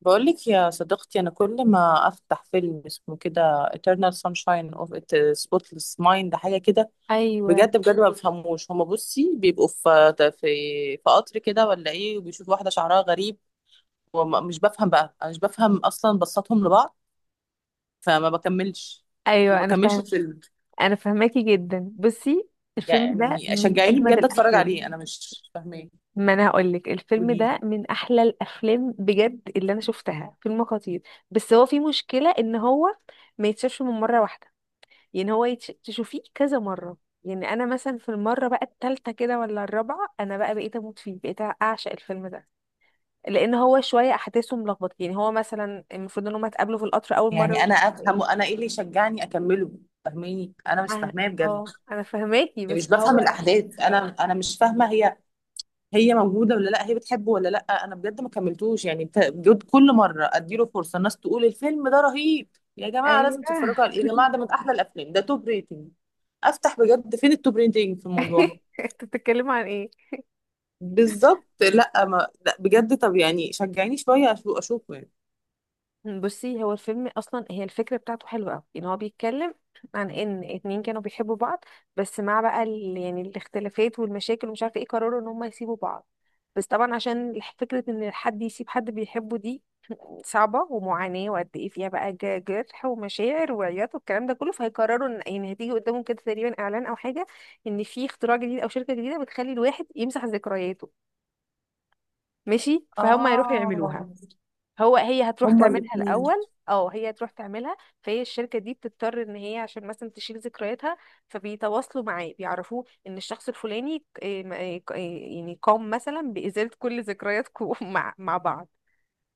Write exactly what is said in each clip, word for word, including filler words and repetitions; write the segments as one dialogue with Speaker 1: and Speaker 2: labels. Speaker 1: بقولك يا صديقتي، أنا كل ما أفتح فيلم اسمه كده Eternal Sunshine of a Spotless Mind حاجة كده،
Speaker 2: ايوه
Speaker 1: بجد بجد ما بفهموش. هما بصي بيبقوا في في في قطر كده ولا إيه، وبيشوفوا واحدة شعرها غريب، ومش بفهم بقى. أنا مش بفهم أصلا بصاتهم لبعض، فما بكملش ما
Speaker 2: ايوه انا
Speaker 1: بكملش
Speaker 2: فاهم.
Speaker 1: الفيلم.
Speaker 2: انا فاهماكي جدا. بصي، الفيلم ده
Speaker 1: يعني
Speaker 2: من
Speaker 1: شجعيني
Speaker 2: اجمد
Speaker 1: بجد أتفرج
Speaker 2: الافلام.
Speaker 1: عليه، أنا مش فاهماه.
Speaker 2: ما انا هقول لك، الفيلم
Speaker 1: قولي.
Speaker 2: ده من احلى الافلام بجد اللي انا شفتها، فيلم خطير. بس هو في مشكله ان هو ما يتشافش من مره واحده. يعني هو يتش... تشوفيه كذا مره. يعني انا مثلا في المره بقى التالتة كده ولا الرابعه، انا بقى بقيت اموت فيه، بقيت اعشق الفيلم ده. لان هو شويه احداثه ملخبطه. يعني هو مثلا المفروض ان هم اتقابلوا في القطر اول مره
Speaker 1: يعني
Speaker 2: ومش
Speaker 1: أنا
Speaker 2: عارفه
Speaker 1: أفهمه،
Speaker 2: ايه.
Speaker 1: أنا إيه اللي يشجعني أكمله؟ فاهماني؟ أنا مش
Speaker 2: انا
Speaker 1: فاهماه بجد.
Speaker 2: اه انا فهماكي،
Speaker 1: يعني
Speaker 2: بس
Speaker 1: مش بفهم
Speaker 2: هو.
Speaker 1: الأحداث. أنا أنا مش فاهمة. هي هي موجوده ولا لا، هي بتحبه ولا لا؟ انا بجد ما كملتوش، يعني بت- بجد كل مره اديله فرصه. الناس تقول الفيلم ده رهيب، يا جماعه
Speaker 2: ايوه.
Speaker 1: لازم تتفرجوا عليه، يا جماعه ده من احلى الافلام، ده توب ريتنج. افتح بجد، فين التوب ريتنج في الموضوع؟
Speaker 2: انت بتتكلم عن ايه؟
Speaker 1: بالظبط. لا ما لا بجد، طب يعني شجعيني شويه أشو- اشوفه يعني.
Speaker 2: بصي، هو الفيلم اصلا هي الفكره بتاعته حلوه قوي. ان هو بيتكلم عن ان اتنين كانوا بيحبوا بعض، بس مع بقى ال... يعني الاختلافات والمشاكل ومش عارفه ايه، قرروا ان هم يسيبوا بعض. بس طبعا عشان الح- فكره ان حد يسيب حد بيحبه دي صعبة ومعاناة، وقد ايه فيها بقى ج- جرح ومشاعر وعياط والكلام ده كله. فهيقرروا ان، يعني، هتيجي قدامهم كده تقريبا اعلان او حاجة ان في اختراع جديد او شركة جديدة بتخلي الواحد يمسح ذكرياته. ماشي، فهم هيروحوا
Speaker 1: اه،
Speaker 2: يعملوها. هو هي هتروح
Speaker 1: هما
Speaker 2: تعملها
Speaker 1: الاثنين.
Speaker 2: الاول. اه، هي هتروح تعملها. فهي الشركة دي بتضطر ان هي، عشان مثلا تشيل ذكرياتها، فبيتواصلوا معاه بيعرفوه ان الشخص الفلاني، إيه م- إيه ك- إيه يعني، قام مثلا بإزالة كل ذكرياتكم مع مع بعض.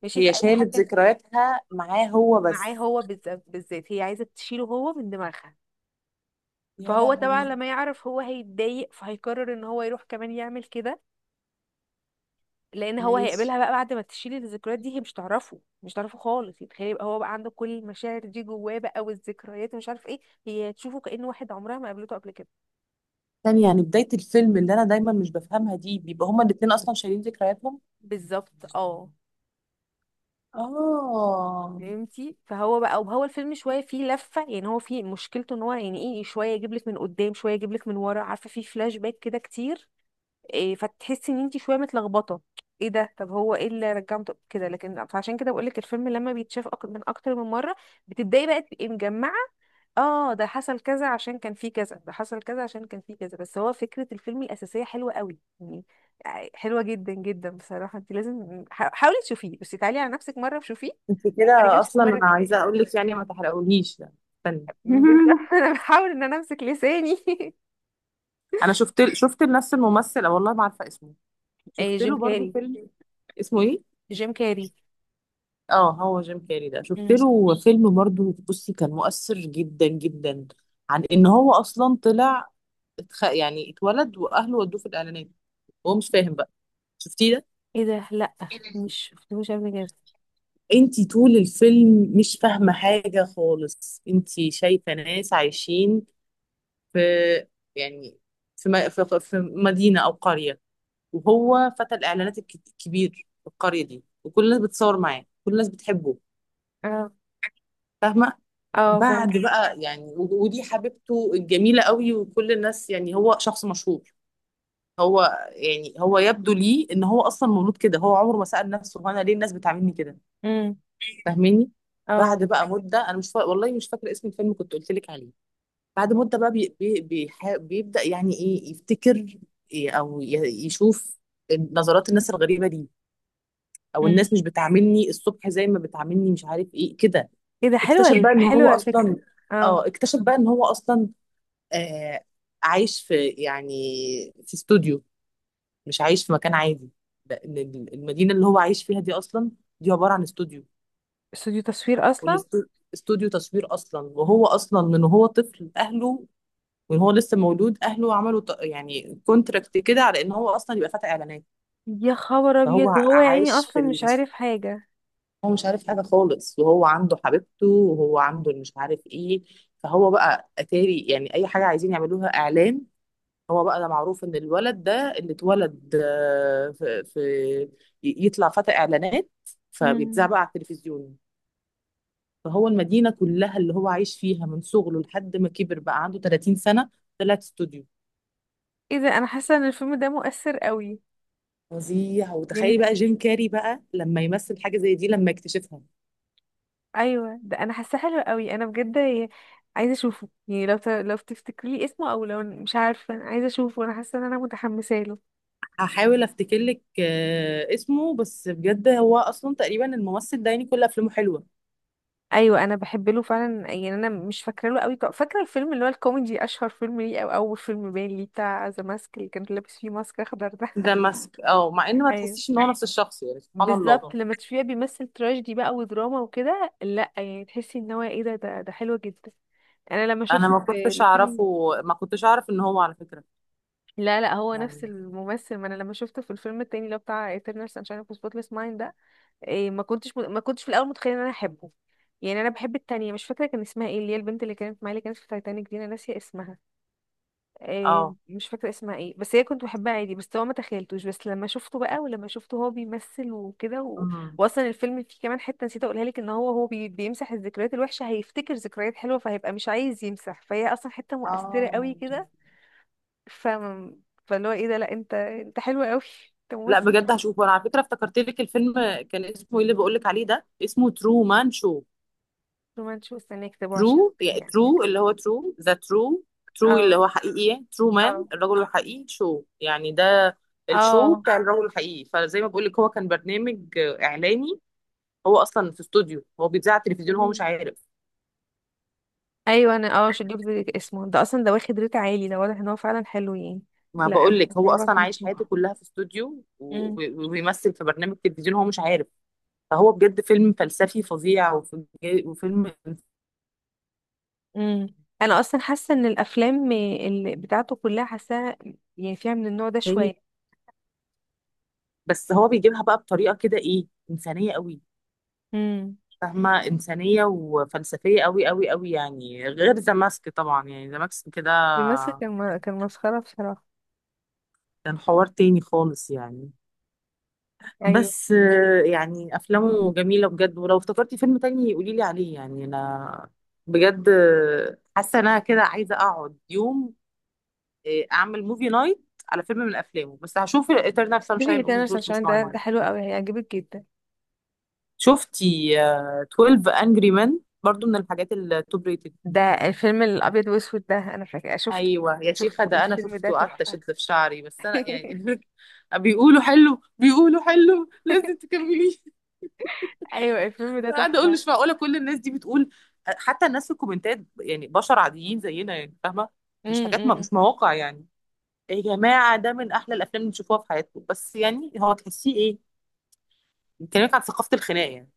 Speaker 2: ماشي، في
Speaker 1: هي
Speaker 2: اي
Speaker 1: شالت
Speaker 2: حاجة.
Speaker 1: ذكرياتها معاه هو
Speaker 2: معاه
Speaker 1: بس.
Speaker 2: هو بالذات، بالذات هي عايزة تشيله هو من دماغها.
Speaker 1: يا
Speaker 2: فهو طبعا
Speaker 1: لهوي.
Speaker 2: لما يعرف، هو هيتضايق، فهيقرر ان هو يروح كمان يعمل كده. لان هو
Speaker 1: ماشي.
Speaker 2: هيقابلها بقى بعد ما تشيل الذكريات دي، هي مش تعرفه، مش تعرفه خالص. يتخيل يبقى هو بقى عنده كل المشاعر دي جواه بقى والذكريات، ومش عارف ايه. هي هتشوفه كأنه واحد عمرها ما قابلته قبل كده.
Speaker 1: ثانية، يعني بداية الفيلم اللي أنا دايما مش بفهمها دي بيبقى هما الاتنين أصلا شايلين ذكرياتهم؟
Speaker 2: بالظبط، اه.
Speaker 1: اه.
Speaker 2: فهمتي؟ فهو بقى وهو الفيلم شويه فيه لفه. يعني هو فيه مشكلته ان هو، يعني ايه، شويه يجيب لك من قدام شويه يجيب لك من ورا، عارفه، فيه فلاش باك كده كتير. إيه، فتحسي ان انت شويه متلخبطه. ايه ده، طب هو ايه اللي رجعهم، طب كده. لكن فعشان كده بقول لك، الفيلم لما بيتشاف أك- من اكتر من مره، بتبداي بقى تبقي مجمعه. اه، ده حصل كذا عشان كان فيه كذا، ده حصل كذا عشان كان فيه كذا. بس هو فكره الفيلم الاساسيه حلوه قوي يعني، حلوه جدا جدا بصراحه. انت لازم حا- حاولي تشوفيه. بس تعالي على نفسك، مره وشوفيه
Speaker 1: انت
Speaker 2: وبعد كده
Speaker 1: كده
Speaker 2: شوفي
Speaker 1: اصلا، انا
Speaker 2: مره كمان.
Speaker 1: عايزه اقول لك يعني ما تحرقوليش، لا. استني
Speaker 2: بالظبط. انا بحاول ان انا امسك لساني.
Speaker 1: انا شفت، شفت لنفس الممثل، والله ما عارفه اسمه.
Speaker 2: إيه،
Speaker 1: شفت
Speaker 2: جيم
Speaker 1: له برضو
Speaker 2: كاري.
Speaker 1: فيلم. اسمه ايه؟
Speaker 2: جيم كاري.
Speaker 1: اه هو جيم كاري ده، شفت
Speaker 2: مم.
Speaker 1: له فيلم برضو. بصي كان مؤثر جدا جدا. عن ان هو اصلا طلع، اتخ... يعني اتولد واهله ودوه في الاعلانات، وهو مش فاهم بقى. شفتيه ده؟
Speaker 2: ايه ده، لا، مش شفتهوش قبل كده.
Speaker 1: انت طول الفيلم مش فاهمه حاجه خالص، انت شايفه ناس عايشين في، يعني في م- في في مدينة أو قرية، وهو فتى الإعلانات الك- الكبير في القرية دي، وكل الناس بتصور معاه، كل الناس بتحبه.
Speaker 2: اه،
Speaker 1: فاهمة؟
Speaker 2: اه، فاهم.
Speaker 1: بعد بقى يعني و- ودي حبيبته الجميلة قوي، وكل الناس يعني هو شخص مشهور. هو يعني هو يبدو لي ان هو اصلا مولود كده، هو عمره ما سأل نفسه، هو انا ليه الناس بتعاملني كده.
Speaker 2: امم،
Speaker 1: فاهميني؟
Speaker 2: اه.
Speaker 1: بعد بقى مدة انا مش فا... والله مش فاكرة اسم الفيلم كنت قلت لك عليه. بعد مدة بقى بي بي بيح- بيبدأ يعني ايه يفتكر، إيه او ي- يشوف نظرات الناس الغريبة دي، او
Speaker 2: امم
Speaker 1: الناس مش بتعاملني الصبح زي ما بتعاملني، مش عارف ايه كده.
Speaker 2: ايه ده، حلوه
Speaker 1: اكتشف
Speaker 2: ال-
Speaker 1: بقى ان هو
Speaker 2: حلوه الفكره.
Speaker 1: اصلا
Speaker 2: اه،
Speaker 1: اه اكتشف بقى ان هو اصلا آه عايش في، يعني في استوديو، مش عايش في مكان عادي، لان ال- المدينة اللي هو عايش فيها دي اصلا، دي عبارة عن استوديو.
Speaker 2: استوديو تصوير اصلا.
Speaker 1: والاستوديو تصوير اصلا، وهو اصلا من وهو طفل اهله، وان هو لسه مولود اهله عملوا ط- يعني كونتراكت كده على ان هو اصلا يبقى فتى اعلانات.
Speaker 2: يا خبر
Speaker 1: فهو
Speaker 2: ابيض،
Speaker 1: ع-
Speaker 2: وهو يا عيني
Speaker 1: عايش في
Speaker 2: اصلا
Speaker 1: ال...
Speaker 2: مش عارف حاجه.
Speaker 1: هو مش عارف حاجه خالص، وهو عنده حبيبته وهو عنده مش عارف ايه. فهو بقى اتاري يعني اي حاجه عايزين يعملوها اعلان، هو بقى ده معروف ان الولد ده اللي اتولد آه، في, في ي- يطلع فتى اعلانات، فبيتذاع
Speaker 2: امم
Speaker 1: بقى على التلفزيون. فهو المدينه كلها اللي هو عايش فيها من صغره لحد ما كبر بقى عنده ثلاثين سنه طلعت استوديو.
Speaker 2: ايه ده، انا حاسه ان الفيلم ده مؤثر قوي.
Speaker 1: فظيع! وتخيلي
Speaker 2: يعني،
Speaker 1: بقى جيم كاري بقى لما يمثل حاجة زي دي لما اكتشفها.
Speaker 2: ايوه ده انا حاسه حلو قوي، انا بجد ي- عايزه اشوفه. يعني لو ت... لو تفتكري لي اسمه، او لو مش عارفه، انا عايزه اشوفه، انا حاسه ان انا متحمسه له.
Speaker 1: هحاول افتكر لك آه، اسمه، بس بجد هو اصلا تقريبا الممثل ده يعني كل افلامه حلوة.
Speaker 2: ايوه، انا بحب له فعلا. يعني انا مش فاكره له قوي، ك- فاكره الفيلم اللي هو الكوميدي، اشهر فيلم ليه او اول فيلم باين ليه، بتاع ذا ماسك اللي كان لابس فيه ماسك اخضر ده.
Speaker 1: ذا ماسك، اه، مع ان ما
Speaker 2: ايوه،
Speaker 1: تحسيش ان هو نفس الشخص، يعني سبحان الله.
Speaker 2: بالظبط. لما تشوفيه بيمثل تراجيدي بقى ودراما وكده، لا، يعني تحسي ان هو، ايه ده ده ده حلو جدا. انا لما
Speaker 1: انا
Speaker 2: شفته
Speaker 1: ما
Speaker 2: في
Speaker 1: كنتش
Speaker 2: الفيلم.
Speaker 1: اعرفه، ما كنتش اعرف ان هو على فكرة
Speaker 2: لا، لا، هو نفس
Speaker 1: يعني.
Speaker 2: الممثل. ما انا لما شفته في الفيلم التاني اللي هو بتاع Eternal Sunshine of the Spotless Mind ده، إيه، ما كنتش ما كنتش في الاول متخيله ان انا احبه. يعني انا بحب التانية، مش فاكره كان اسمها ايه، اللي هي البنت اللي كانت معايا اللي كانت في تايتانيك دي، انا ناسيه اسمها. آه،
Speaker 1: اه.
Speaker 2: مش فاكرة اسمها ايه. بس هي كنت بحبها عادي، بس هو ما تخيلتوش. بس لما شفته بقى، ولما شفته هو بيمثل وكده و.
Speaker 1: أمم.
Speaker 2: واصلا الفيلم فيه كمان حتة نسيت اقولها لك، ان هو هو بي... بيمسح الذكريات الوحشة، هيفتكر ذكريات حلوة، فهيبقى مش عايز يمسح، فهي اصلا حتة مؤثرة قوي
Speaker 1: اه،
Speaker 2: كده. ف فاللي هو، ايه ده، لا، انت انت حلو قوي، انت
Speaker 1: لا
Speaker 2: ممثل
Speaker 1: بجد
Speaker 2: شاطر.
Speaker 1: هشوفه انا على فكرة، افتكرت لك الفيلم. كان اسمه ايه اللي بقول لك عليه ده؟ اسمه ترو مان شو.
Speaker 2: وما نشوف، استنى يكتبوا عشان.
Speaker 1: ترو يعني
Speaker 2: يعني،
Speaker 1: ترو، اللي هو ترو، ذا ترو. ترو اللي
Speaker 2: اه،
Speaker 1: هو حقيقي، ترو مان
Speaker 2: اه،
Speaker 1: الرجل الحقيقي، شو يعني ده الشو
Speaker 2: اه،
Speaker 1: بتاع الرجل الحقيقي. فزي ما بقول لك هو كان برنامج اعلاني، هو اصلا في استوديو، هو بيتذاع على التلفزيون، هو مش عارف.
Speaker 2: ايوه، انا اه شفت اسمه ده اصلا. ده واخد ريت عالي، ده واضح ان هو فعلا حلو يعني.
Speaker 1: ما
Speaker 2: لا، انا
Speaker 1: بقول لك هو
Speaker 2: هسيبه
Speaker 1: اصلا
Speaker 2: عشان
Speaker 1: عايش حياته
Speaker 2: اشوفه.
Speaker 1: كلها في استوديو و-
Speaker 2: امم،
Speaker 1: و- وبيمثل في برنامج تلفزيون هو مش عارف. فهو بجد فيلم فلسفي فظيع وف- وفيلم
Speaker 2: امم. انا اصلا حاسه ان الافلام اللي بتاعته كلها حاساها، يعني فيها من النوع ده
Speaker 1: انساني،
Speaker 2: شويه.
Speaker 1: بس هو بيجيبها بقى بطريقه كده ايه انسانيه قوي.
Speaker 2: امم
Speaker 1: فاهمة؟ إنسانية وفلسفية أوي أوي أوي يعني، غير ذا ماسك طبعا. يعني ذا ماسك كده
Speaker 2: الماسك كان م- كان مسخره بصراحه.
Speaker 1: كان حوار تاني خالص يعني.
Speaker 2: ايوه.
Speaker 1: بس آه، يعني أفلامه جميلة بجد، ولو افتكرتي فيلم تاني قوليلي عليه يعني. أنا بجد آه، حاسة إن أنا كده عايزة أقعد يوم، آه، أعمل موفي نايت على فيلم من أفلامه، بس هشوف Eternal
Speaker 2: شوفي
Speaker 1: Sunshine of
Speaker 2: تاني
Speaker 1: the Spotless
Speaker 2: عشان ده ده
Speaker 1: Mind.
Speaker 2: حلو قوي، هيعجبك جدا.
Speaker 1: شفتي آه، اتناشر Angry Men؟ برضو من الحاجات التوب ريتد.
Speaker 2: ده الفيلم الابيض واسود ده، انا فاكره شفته،
Speaker 1: ايوه يا شيخه
Speaker 2: شفته
Speaker 1: ده انا
Speaker 2: الفيلم ده
Speaker 1: شفته، قعدت
Speaker 2: تحفه.
Speaker 1: اشد في شعري، بس انا يعني بيقولوا حلو، بيقولوا حلو لازم تكمليه.
Speaker 2: ايوه، الفيلم ده
Speaker 1: قاعده اقول
Speaker 2: تحفه.
Speaker 1: مش معقوله كل الناس دي بتقول. حتى الناس في الكومنتات يعني بشر عاديين زينا يعني، فاهمه؟ مش حاجات، ما
Speaker 2: امم،
Speaker 1: مش مواقع يعني. يا جماعه ده من احلى الافلام اللي تشوفوها في حياتكم، بس يعني هو تحسيه ايه، بيكلمك عن ثقافه الخناق يعني.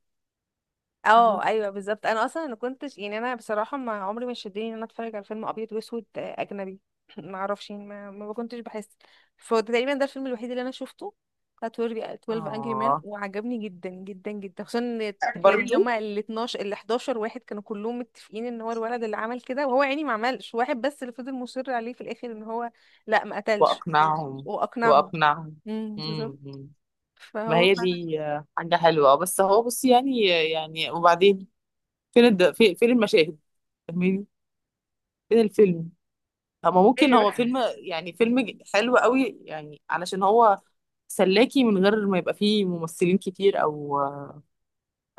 Speaker 2: اه،
Speaker 1: فاهمه؟
Speaker 2: ايوه بالظبط. انا اصلا ما كنتش يعني، انا بصراحه ما عمري ما شدني ان انا اتفرج على فيلم ابيض واسود، آه، اجنبي. ما اعرفش، يعني ما, ما كنتش بحس. فتقريبا ده الفيلم الوحيد اللي انا شفته، بتاع اتناشر اتناشر انجري مان،
Speaker 1: اه
Speaker 2: وعجبني جدا جدا جدا. خصوصا ان تخيلي، اللي
Speaker 1: برضو.
Speaker 2: هما ال اتناشر ال حداشر واحد كانوا كلهم متفقين ان هو الولد اللي عمل كده، وهو يعني ما عملش. واحد بس اللي فضل مصر عليه في الاخر ان هو. لا، ما قتلش.
Speaker 1: واقنعهم.
Speaker 2: واقنعهم.
Speaker 1: واقنعهم.
Speaker 2: امم،
Speaker 1: امم.
Speaker 2: بالظبط.
Speaker 1: إمم. ما
Speaker 2: فهو
Speaker 1: هي
Speaker 2: فعلا.
Speaker 1: دي آه، حاجة حلوة، آه، بس هو بصي يعني. يعني وبعدين؟ فين الد... في- فين المشاهد؟ فاهماني؟ فين الفيلم؟ هما ممكن
Speaker 2: ايوه،
Speaker 1: هو فيلم يعني فيلم ج- حلو قوي يعني، علشان هو سلاكي من غير ما يبقى فيه ممثلين كتير او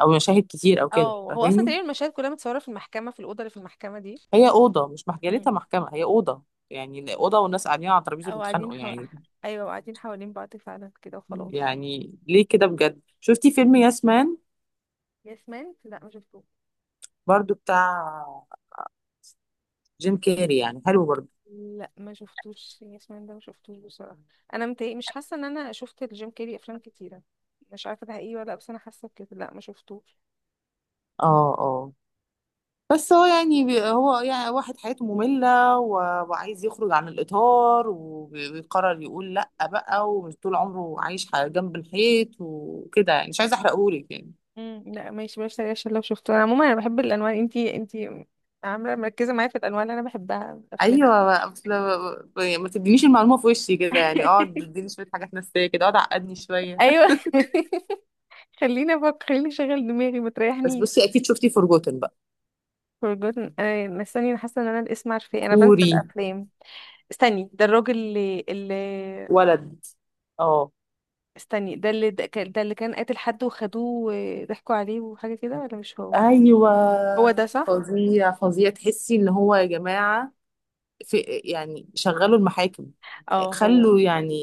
Speaker 1: او مشاهد كتير او كده.
Speaker 2: اه. هو اصلا
Speaker 1: فاهماني؟
Speaker 2: تقريبا المشاهد كلها متصوره في المحكمه، في الاوضه اللي في المحكمه دي.
Speaker 1: هي أوضة مش مجالتها
Speaker 2: امم،
Speaker 1: محكمة، هي أوضة يعني، أوضة والناس قاعدين على ترابيزة
Speaker 2: او قاعدين
Speaker 1: بيتخانقوا
Speaker 2: حو...
Speaker 1: يعني.
Speaker 2: ايوه، قاعدين حوالين بعض فعلا كده، وخلاص.
Speaker 1: يعني ليه كده بجد؟ شفتي فيلم ياسمان؟
Speaker 2: يس مان؟ لا، ما شفتوش.
Speaker 1: برضو بتاع جيم كاري يعني، حلو برضو
Speaker 2: لا، ما شفتوش. يس مان ده ما شفتوش بصراحه. انا متهيأ مش حاسه ان انا شفت الجيم كيري افلام كتيره. مش عارفه ده حقيقي ولا لأ، بس انا حاسه بكده. لا، ما شفتوش.
Speaker 1: اه. بس هو يعني بي- هو يعني واحد حياته مملة و- وعايز يخرج عن الإطار، وبي- ويقرر يقول لأ بقى، ومش طول عمره عايش ح- جنب الحيط وكده. يعني مش عايزة أحرقهولك يعني.
Speaker 2: امم، لا، ماشي، بلاش تريقة، عشان لو شفته. انا عموما انا بحب الانواع، انتي انتي عامله مركزه معايا في الانواع اللي انا بحبها من الافلام.
Speaker 1: أيوة أصل. ما تدينيش المعلومة في وشي كده يعني، اقعد اديني شوية حاجات نفسية كده، اقعد عقدني شوية
Speaker 2: ايوه. خليني افكر، خليني اشغل دماغي، ما
Speaker 1: بس
Speaker 2: تريحنيش.
Speaker 1: بصي أكيد شفتي فورجوتن بقى؟
Speaker 2: Forgotten، انا استني، انا حاسه ان انا الاسم عارفاه، انا بنسى
Speaker 1: كوري
Speaker 2: الافلام. استني، ده الراجل اللي اللي
Speaker 1: ولد. اه.
Speaker 2: استني، ده اللي ده كان ده اللي كان قاتل حد، وخدوه وضحكوا عليه وحاجه كده، ولا مش هو؟
Speaker 1: أيوة.
Speaker 2: هو ده صح؟
Speaker 1: فظيع، فظيع! تحسي إن هو يا جماعة في، يعني شغلوا المحاكم،
Speaker 2: اه، هو.
Speaker 1: خلوا يعني.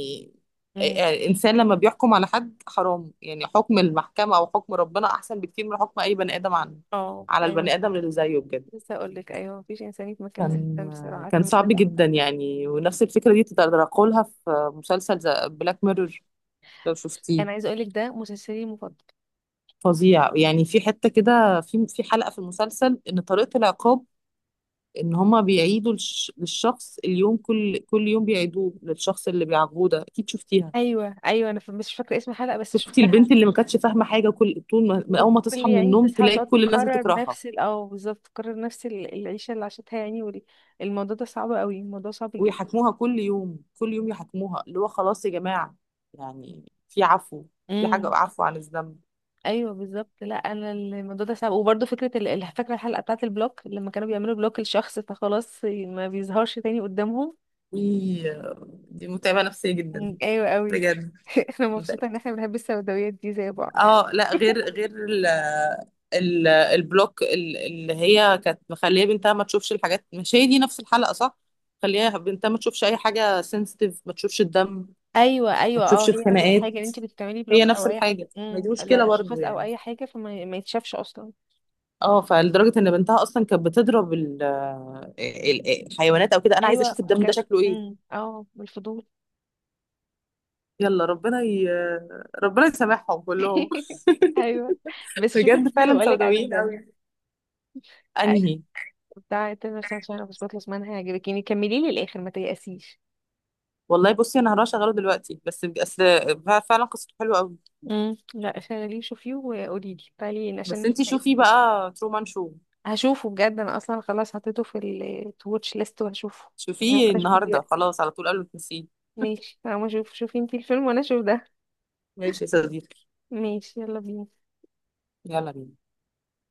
Speaker 2: امم.
Speaker 1: يعني الإنسان لما بيحكم على حد حرام، يعني حكم المحكمة أو حكم ربنا أحسن بكتير من حكم أي بني آدم عن
Speaker 2: اه،
Speaker 1: على
Speaker 2: ايوه
Speaker 1: البني آدم
Speaker 2: فعلا.
Speaker 1: اللي زيه بجد.
Speaker 2: لسه اقول لك، ايوه، مفيش انسان يتمكن من
Speaker 1: كان
Speaker 2: الانسان بصراحه.
Speaker 1: كان
Speaker 2: عارفه، من ده
Speaker 1: صعب جدا
Speaker 2: تحفه.
Speaker 1: يعني. ونفس الفكرة دي تطرقوا لها في مسلسل بلاك ميرور، لو
Speaker 2: انا
Speaker 1: شفتيه.
Speaker 2: عايزه اقول لك، ده مسلسلي المفضل.
Speaker 1: فظيع يعني! في حتة كده، في في حلقة في المسلسل إن طريقة العقاب إن هما بيعيدوا للش- للشخص اليوم، كل كل يوم بيعيدوه للشخص اللي بيعاقبوه ده. أكيد شفتيها.
Speaker 2: ايوه، ايوه، انا ف- مش فاكره اسم الحلقه بس
Speaker 1: شفتي
Speaker 2: شفتها.
Speaker 1: البنت اللي ما كانتش فاهمه حاجه، كل طول ما من اول ما
Speaker 2: وكل،
Speaker 1: تصحى من
Speaker 2: يعني،
Speaker 1: النوم
Speaker 2: تصحى
Speaker 1: تلاقي
Speaker 2: وتقعد
Speaker 1: كل الناس
Speaker 2: تكرر
Speaker 1: بتكرهها.
Speaker 2: نفس ال- اه، بالظبط، تكرر نفس ال- العيشة اللي عاشتها، يعني وال- الموضوع ده صعب قوي، الموضوع صعب جدا.
Speaker 1: ويحاكموها كل يوم، كل يوم يحاكموها، اللي هو خلاص يا جماعه يعني في عفو، في حاجه
Speaker 2: امم،
Speaker 1: عفو عن الذنب.
Speaker 2: ايوه بالظبط. لا، انا الموضوع ده صعب. وبرده فكره ال- ال- فاكره الحلقه بتاعه البلوك، لما كانوا بيعملوا بلوك لشخص فخلاص ما بيظهرش تاني قدامهم.
Speaker 1: وي- دي متعبه نفسيه جدا
Speaker 2: مم، ايوه قوي.
Speaker 1: بجد.
Speaker 2: انا
Speaker 1: متعبة.
Speaker 2: مبسوطه ان احنا بنحب السوداويات دي زي بعض.
Speaker 1: اه، لا غير غير ال ال البلوك ال- اللي هي كانت مخليه بنتها ما تشوفش الحاجات، مش هي دي نفس الحلقه صح؟ خليها بنتها ما تشوفش اي حاجه سنسيتيف، ما تشوفش الدم،
Speaker 2: ايوه،
Speaker 1: ما
Speaker 2: ايوه،
Speaker 1: تشوفش
Speaker 2: اه، هي نفس الحاجه. ان
Speaker 1: الخناقات.
Speaker 2: انت بتعملي
Speaker 1: هي
Speaker 2: بلوك
Speaker 1: نفس
Speaker 2: او اي
Speaker 1: الحاجة،
Speaker 2: حاجه،
Speaker 1: ما دي
Speaker 2: امم،
Speaker 1: مشكلة
Speaker 2: لا،
Speaker 1: برضو
Speaker 2: اشخاص او
Speaker 1: يعني.
Speaker 2: اي حاجه، فما ما يتشافش اصلا.
Speaker 1: اه فلدرجة ان بنتها اصلا كانت بتضرب ال- ال- الحيوانات او كده، انا عايزة
Speaker 2: ايوه،
Speaker 1: اشوف
Speaker 2: ما
Speaker 1: الدم ده
Speaker 2: كان.
Speaker 1: شكله ايه.
Speaker 2: امم، اه، بالفضول.
Speaker 1: يلا ربنا ي... ربنا يسامحهم كلهم
Speaker 2: ايوه. بس شوفي
Speaker 1: بجد
Speaker 2: الفيلم اللي
Speaker 1: فعلا
Speaker 2: بقولك عليه
Speaker 1: سوداويين
Speaker 2: بجد.
Speaker 1: قوي.
Speaker 2: أيوة،
Speaker 1: انهي؟
Speaker 2: بتاع تامر، عشان انا مش بخلص منها، هيعجبك. كملي لي الاخر، ما تيأسيش.
Speaker 1: والله بصي انا هروح اشغله دلوقتي بس بس، فعلا قصته حلوة قوي.
Speaker 2: امم، لا، شغليه، شوفيه وقولي لي، تعالي لي عشان
Speaker 1: بس انتي
Speaker 2: نتناقش
Speaker 1: شوفي
Speaker 2: فيه.
Speaker 1: بقى ترومان شو،
Speaker 2: هشوفه بجد. انا اصلا خلاص حطيته في التواتش ليست، وهشوفه. يعني
Speaker 1: شوفيه
Speaker 2: ممكن اشوفه
Speaker 1: النهاردة
Speaker 2: دلوقتي.
Speaker 1: خلاص على طول قبل ما تنسيه.
Speaker 2: ماشي، انا اشوف. شوفي انتي الفيلم وانا اشوف ده.
Speaker 1: ماشي يا صديقي.
Speaker 2: ماشي، يلا بينا.
Speaker 1: يلا بينا.